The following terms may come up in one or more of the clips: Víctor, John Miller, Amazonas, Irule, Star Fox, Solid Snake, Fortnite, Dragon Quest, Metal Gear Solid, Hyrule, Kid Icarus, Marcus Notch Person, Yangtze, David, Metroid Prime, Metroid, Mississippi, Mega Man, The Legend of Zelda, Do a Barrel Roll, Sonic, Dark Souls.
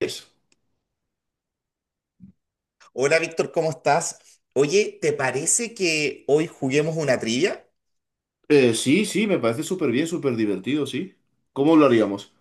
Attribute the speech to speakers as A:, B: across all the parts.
A: Es.
B: Hola Víctor, ¿cómo estás? Oye, ¿te parece que hoy juguemos una trivia?
A: Sí, me parece súper bien, súper divertido, sí. ¿Cómo lo haríamos?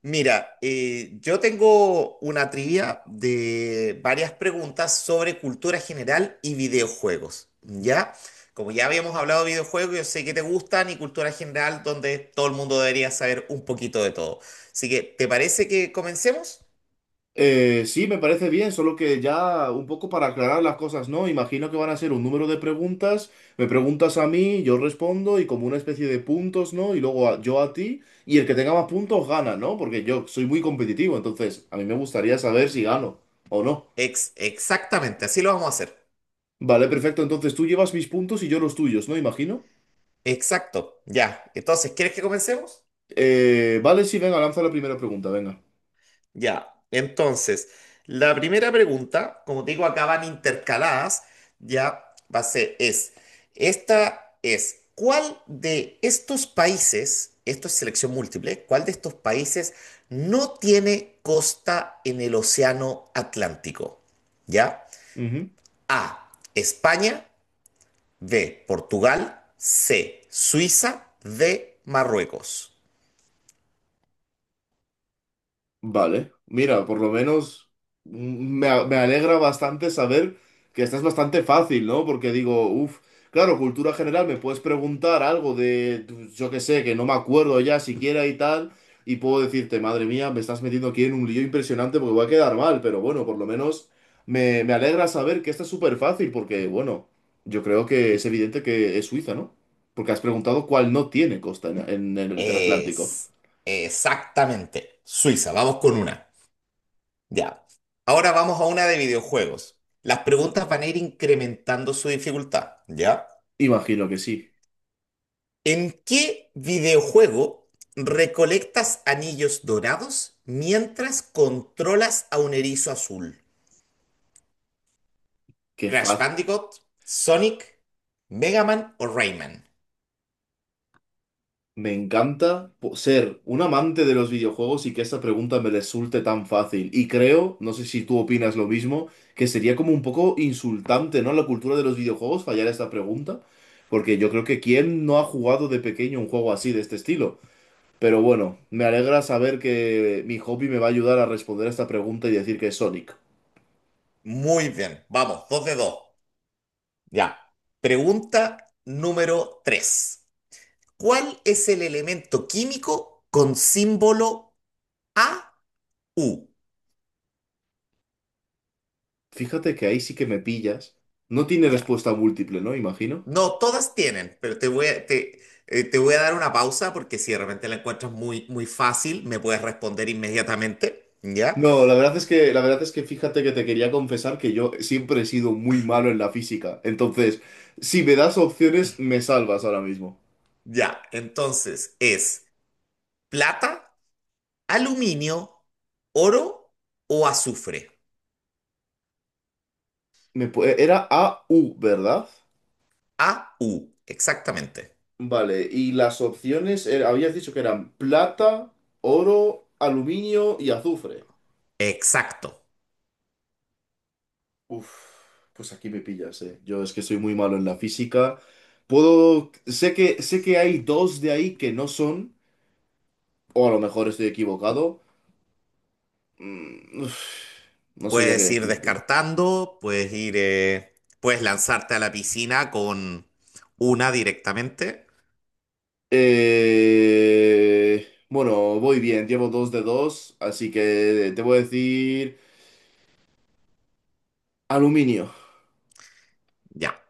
B: Mira, yo tengo una trivia de varias preguntas sobre cultura general y videojuegos, ¿ya? Como ya habíamos hablado de videojuegos, yo sé que te gustan y cultura general, donde todo el mundo debería saber un poquito de todo. Así que, ¿te parece que comencemos?
A: Sí, me parece bien, solo que ya un poco para aclarar las cosas, ¿no? Imagino que van a ser un número de preguntas, me preguntas a mí, yo respondo y como una especie de puntos, ¿no? Y luego yo a ti, y el que tenga más puntos gana, ¿no? Porque yo soy muy competitivo, entonces a mí me gustaría saber si gano o no.
B: Exactamente, así lo vamos a hacer.
A: Vale, perfecto, entonces tú llevas mis puntos y yo los tuyos, ¿no? Imagino.
B: Exacto, ya. Entonces, ¿quieres que comencemos?
A: Vale, sí, venga, lanza la primera pregunta, venga.
B: Ya, entonces, la primera pregunta, como te digo, acá van intercaladas, ya va a ser, es, esta es, ¿cuál de estos países, esto es selección múltiple, cuál de estos países no tiene costa en el Océano Atlántico? ¿Ya?
A: Ujú.
B: A, España, B, Portugal, C, Suiza, D, Marruecos.
A: Vale, mira, por lo menos me alegra bastante saber que estás bastante fácil, ¿no? Porque digo, uff, claro, cultura general, me puedes preguntar algo de, pues, yo qué sé, que no me acuerdo ya siquiera y tal, y puedo decirte, madre mía, me estás metiendo aquí en un lío impresionante porque voy a quedar mal, pero bueno, por lo menos me alegra saber que esta es súper fácil porque, bueno, yo creo que es evidente que es Suiza, ¿no? Porque has preguntado cuál no tiene costa en el Atlántico.
B: Es exactamente Suiza, vamos con una. Ya. Ahora vamos a una de videojuegos. Las preguntas van a ir incrementando su dificultad, ¿ya?
A: Imagino que sí.
B: ¿En qué videojuego recolectas anillos dorados mientras controlas a un erizo azul?
A: Qué
B: ¿Crash
A: fácil.
B: Bandicoot, Sonic, Mega Man o Rayman?
A: Ser un amante de los videojuegos y que esta pregunta me resulte tan fácil. Y creo, no sé si tú opinas lo mismo, que sería como un poco insultante, ¿no?, a la cultura de los videojuegos fallar esta pregunta, porque yo creo que quién no ha jugado de pequeño un juego así de este estilo. Pero bueno, me alegra saber que mi hobby me va a ayudar a responder a esta pregunta y decir que es Sonic.
B: Muy bien, vamos, dos de dos. Ya. Pregunta número 3. ¿Cuál es el elemento químico con símbolo AU?
A: Fíjate que ahí sí que me pillas. No tiene
B: Ya.
A: respuesta múltiple, ¿no? Imagino.
B: No, todas tienen, pero te voy a dar una pausa porque si de repente la encuentras muy, muy fácil, me puedes responder inmediatamente, ¿ya?
A: No, la verdad es que fíjate que te quería confesar que yo siempre he sido muy malo en la física. Entonces, si me das opciones, me salvas ahora mismo.
B: Ya, entonces es plata, aluminio, oro o azufre.
A: Era AU, ¿verdad?
B: AU exactamente.
A: Vale, y las opciones, habías dicho que eran plata, oro, aluminio y azufre.
B: Exacto.
A: Uf, pues aquí me pillas, eh. Yo es que soy muy malo en la física. Sé que hay dos de ahí que no son, o a lo mejor estoy equivocado. Mm, uf, no sabría qué
B: Puedes ir
A: decirte.
B: descartando, puedes lanzarte a la piscina con una directamente.
A: Bueno, voy bien, llevo dos de dos, así que te voy a decir aluminio.
B: Ya,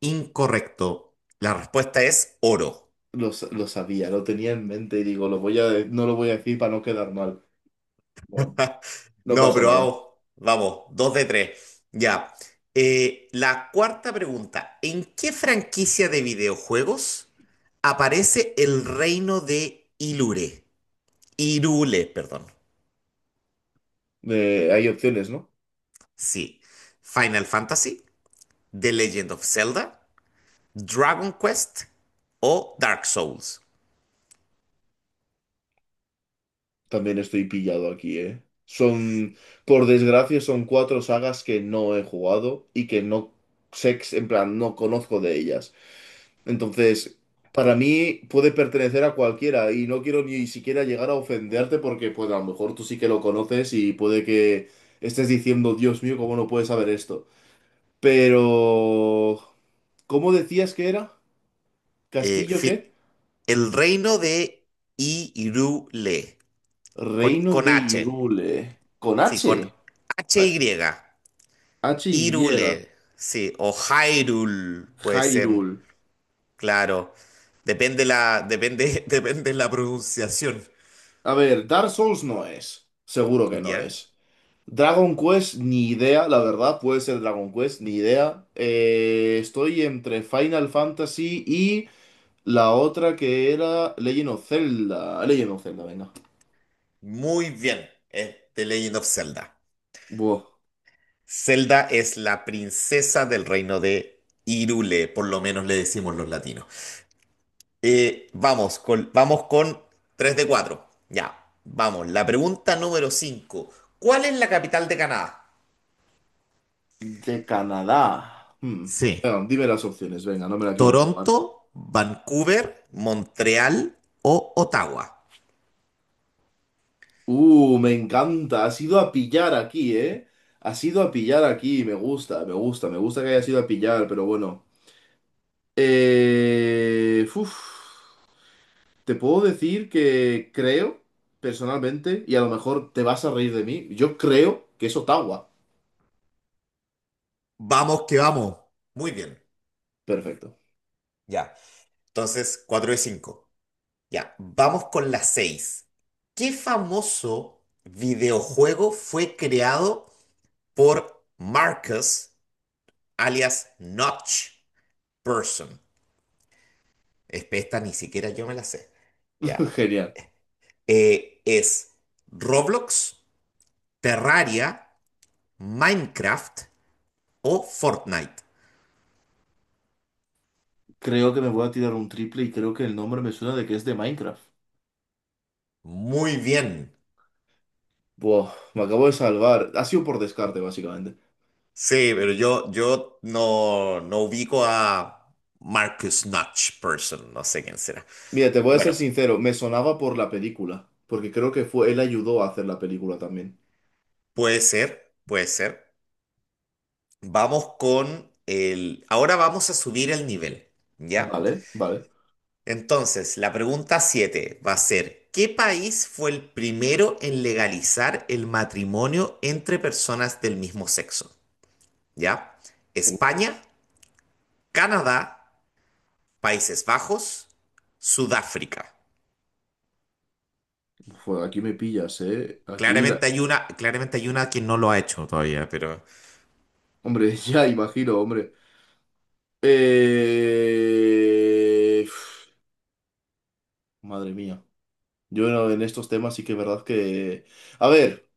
B: incorrecto. La respuesta es oro.
A: Lo sabía, lo tenía en mente y digo, lo voy a, de- no lo voy a decir para no quedar mal. Bueno, no
B: No,
A: pasa
B: pero
A: nada.
B: vamos, vamos, dos de tres. Ya. La cuarta pregunta. ¿En qué franquicia de videojuegos aparece el reino de Ilure? Irule, perdón.
A: Hay opciones, ¿no?
B: Sí. Final Fantasy, The Legend of Zelda, Dragon Quest o Dark Souls.
A: También estoy pillado aquí, ¿eh? Son, por desgracia, son cuatro sagas que no he jugado y que no sé, ex- en plan, no conozco de ellas. Entonces, para mí puede pertenecer a cualquiera y no quiero ni siquiera llegar a ofenderte porque pues a lo mejor tú sí que lo conoces y puede que estés diciendo, Dios mío, ¿cómo no puedes saber esto? Pero... ¿Cómo decías que era?
B: Eh,
A: ¿Castillo qué?
B: fi- el reino de Irule, con,
A: Reino
B: con
A: de
B: H.
A: Hyrule. Con
B: Sí,
A: H.
B: con H y.
A: H-Y.
B: Hyrule, sí, o Hyrule puede ser,
A: Hyrule.
B: claro. Depende, depende la pronunciación,
A: A ver, Dark Souls no es. Seguro que no
B: ¿ya?
A: es. Dragon Quest, ni idea, la verdad, puede ser Dragon Quest, ni idea. Estoy entre Final Fantasy y la otra que era Legend of Zelda. Legend of Zelda, venga.
B: Muy bien, es The Legend of Zelda.
A: Buah,
B: Zelda es la princesa del reino de Hyrule, por lo menos le decimos los latinos. Vamos con 3 de 4, ya, vamos. La pregunta número 5, ¿cuál es la capital de Canadá?
A: de Canadá. Hmm.
B: Sí.
A: Venga, dime las opciones, venga, no me la quiero jugar.
B: Toronto, Vancouver, Montreal o Ottawa.
A: Me encanta, has ido a pillar aquí, ¿eh? Has ido a pillar aquí, me gusta que hayas ido a pillar, pero bueno. Uf. Te puedo decir que creo, personalmente, y a lo mejor te vas a reír de mí, yo creo que es Ottawa.
B: Vamos que vamos. Muy bien.
A: Perfecto.
B: Ya. Entonces, 4 de 5. Ya. Vamos con la 6. ¿Qué famoso videojuego fue creado por Marcus, alias Notch Person? Esta ni siquiera yo me la sé. Ya.
A: Genial.
B: Es Roblox, Terraria, Minecraft o Fortnite.
A: Creo que me voy a tirar un triple y creo que el nombre me suena de que es de Minecraft.
B: Muy bien.
A: Buah, me acabo de salvar. Ha sido por descarte, básicamente.
B: Sí, pero yo no ubico a Marcus Notch Person, no sé quién será.
A: Mira, te voy a ser
B: Bueno,
A: sincero, me sonaba por la película, porque creo que fue, él ayudó a hacer la película también.
B: puede ser, puede ser. Ahora vamos a subir el nivel, ¿ya?
A: Vale, vale.
B: Entonces, la pregunta 7 va a ser, ¿qué país fue el primero en legalizar el matrimonio entre personas del mismo sexo? ¿Ya?
A: Uf,
B: España, Canadá, Países Bajos, Sudáfrica.
A: aquí me pillas, ¿eh? Aquí la...
B: Claramente hay una que no lo ha hecho todavía, pero
A: Hombre, ya imagino, hombre. Eh... Madre mía. Yo no- En estos temas sí que es verdad que... A ver,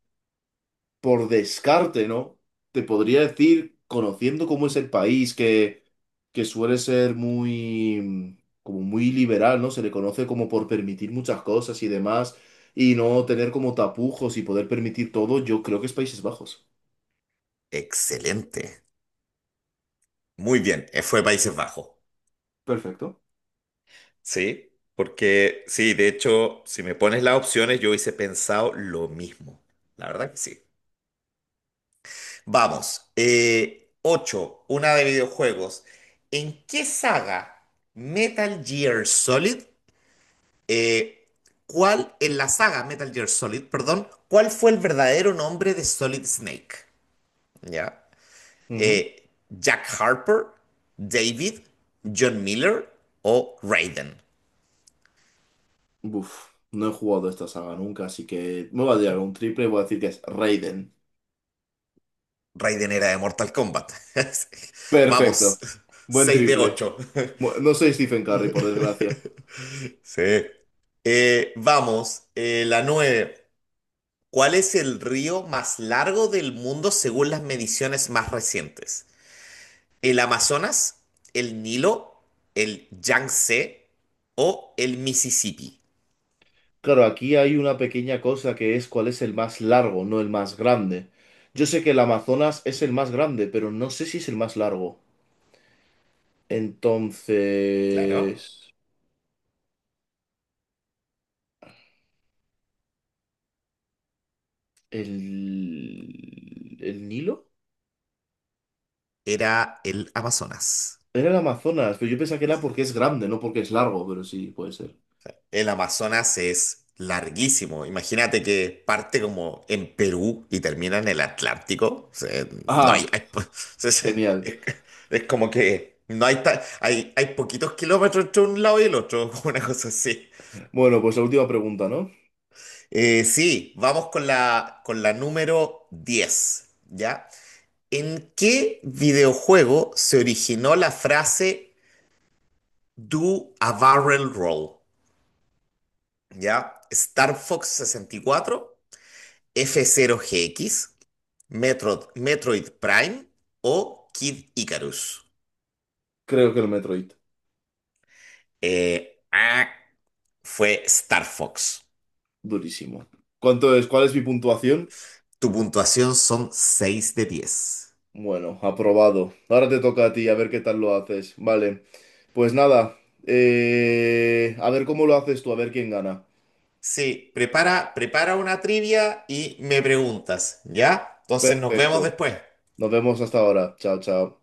A: por descarte, ¿no? Te podría decir, conociendo cómo es el país, que suele ser muy... como muy liberal, ¿no? Se le conoce como por permitir muchas cosas y demás, y no tener como tapujos y poder permitir todo, yo creo que es Países Bajos.
B: excelente. Muy bien, fue Países Bajos.
A: Perfecto.
B: Sí, porque sí, de hecho, si me pones las opciones, yo hubiese pensado lo mismo. La verdad que sí. Vamos, 8, una de videojuegos. ¿En qué saga Metal Gear Solid, eh, en la saga Metal Gear Solid, perdón, ¿cuál fue el verdadero nombre de Solid Snake? ¿Ya?
A: Ujú.
B: Jack Harper, David, John Miller o Raiden.
A: Uf, no he jugado esta saga nunca, así que me voy a tirar un triple y voy a decir que es Raiden.
B: Raiden era de Mortal Kombat.
A: Perfecto.
B: Vamos,
A: Buen
B: 6 de
A: triple.
B: 8.
A: No soy Stephen Curry, por desgracia.
B: Sí. Vamos, la 9. ¿Cuál es el río más largo del mundo según las mediciones más recientes? ¿El Amazonas, el Nilo, el Yangtze o el Mississippi?
A: Claro, aquí hay una pequeña cosa que es cuál es el más largo, no el más grande. Yo sé que el Amazonas es el más grande, pero no sé si es el más largo.
B: Claro,
A: Entonces, ¿el Nilo?
B: era el Amazonas.
A: Era el Amazonas, pero yo pensaba que era porque es grande, no porque es largo, pero sí, puede ser.
B: El Amazonas es larguísimo. Imagínate que parte como en Perú y termina en el Atlántico. O sea, no hay,
A: Ah,
B: hay po- es,
A: genial.
B: es- es como que no hay, ta- hay poquitos kilómetros entre un lado y el otro, una cosa así.
A: Bueno, pues la última pregunta, ¿no?
B: Sí, vamos con la número 10. ¿Ya? ¿En qué videojuego se originó la frase Do a Barrel Roll? ¿Ya? Star Fox 64. F0GX, Metroid Prime o Kid Icarus.
A: Creo que el Metroid.
B: Ah, fue Star Fox.
A: Durísimo. ¿Cuánto es? ¿Cuál es mi puntuación?
B: Tu puntuación son 6 de 10.
A: Bueno, aprobado. Ahora te toca a ti, a ver qué tal lo haces. Vale. Pues nada. A ver cómo lo haces tú, a ver quién gana.
B: Sí, prepara, prepara una trivia y me preguntas, ¿ya? Entonces nos vemos
A: Perfecto.
B: después.
A: Nos vemos hasta ahora. Chao, chao.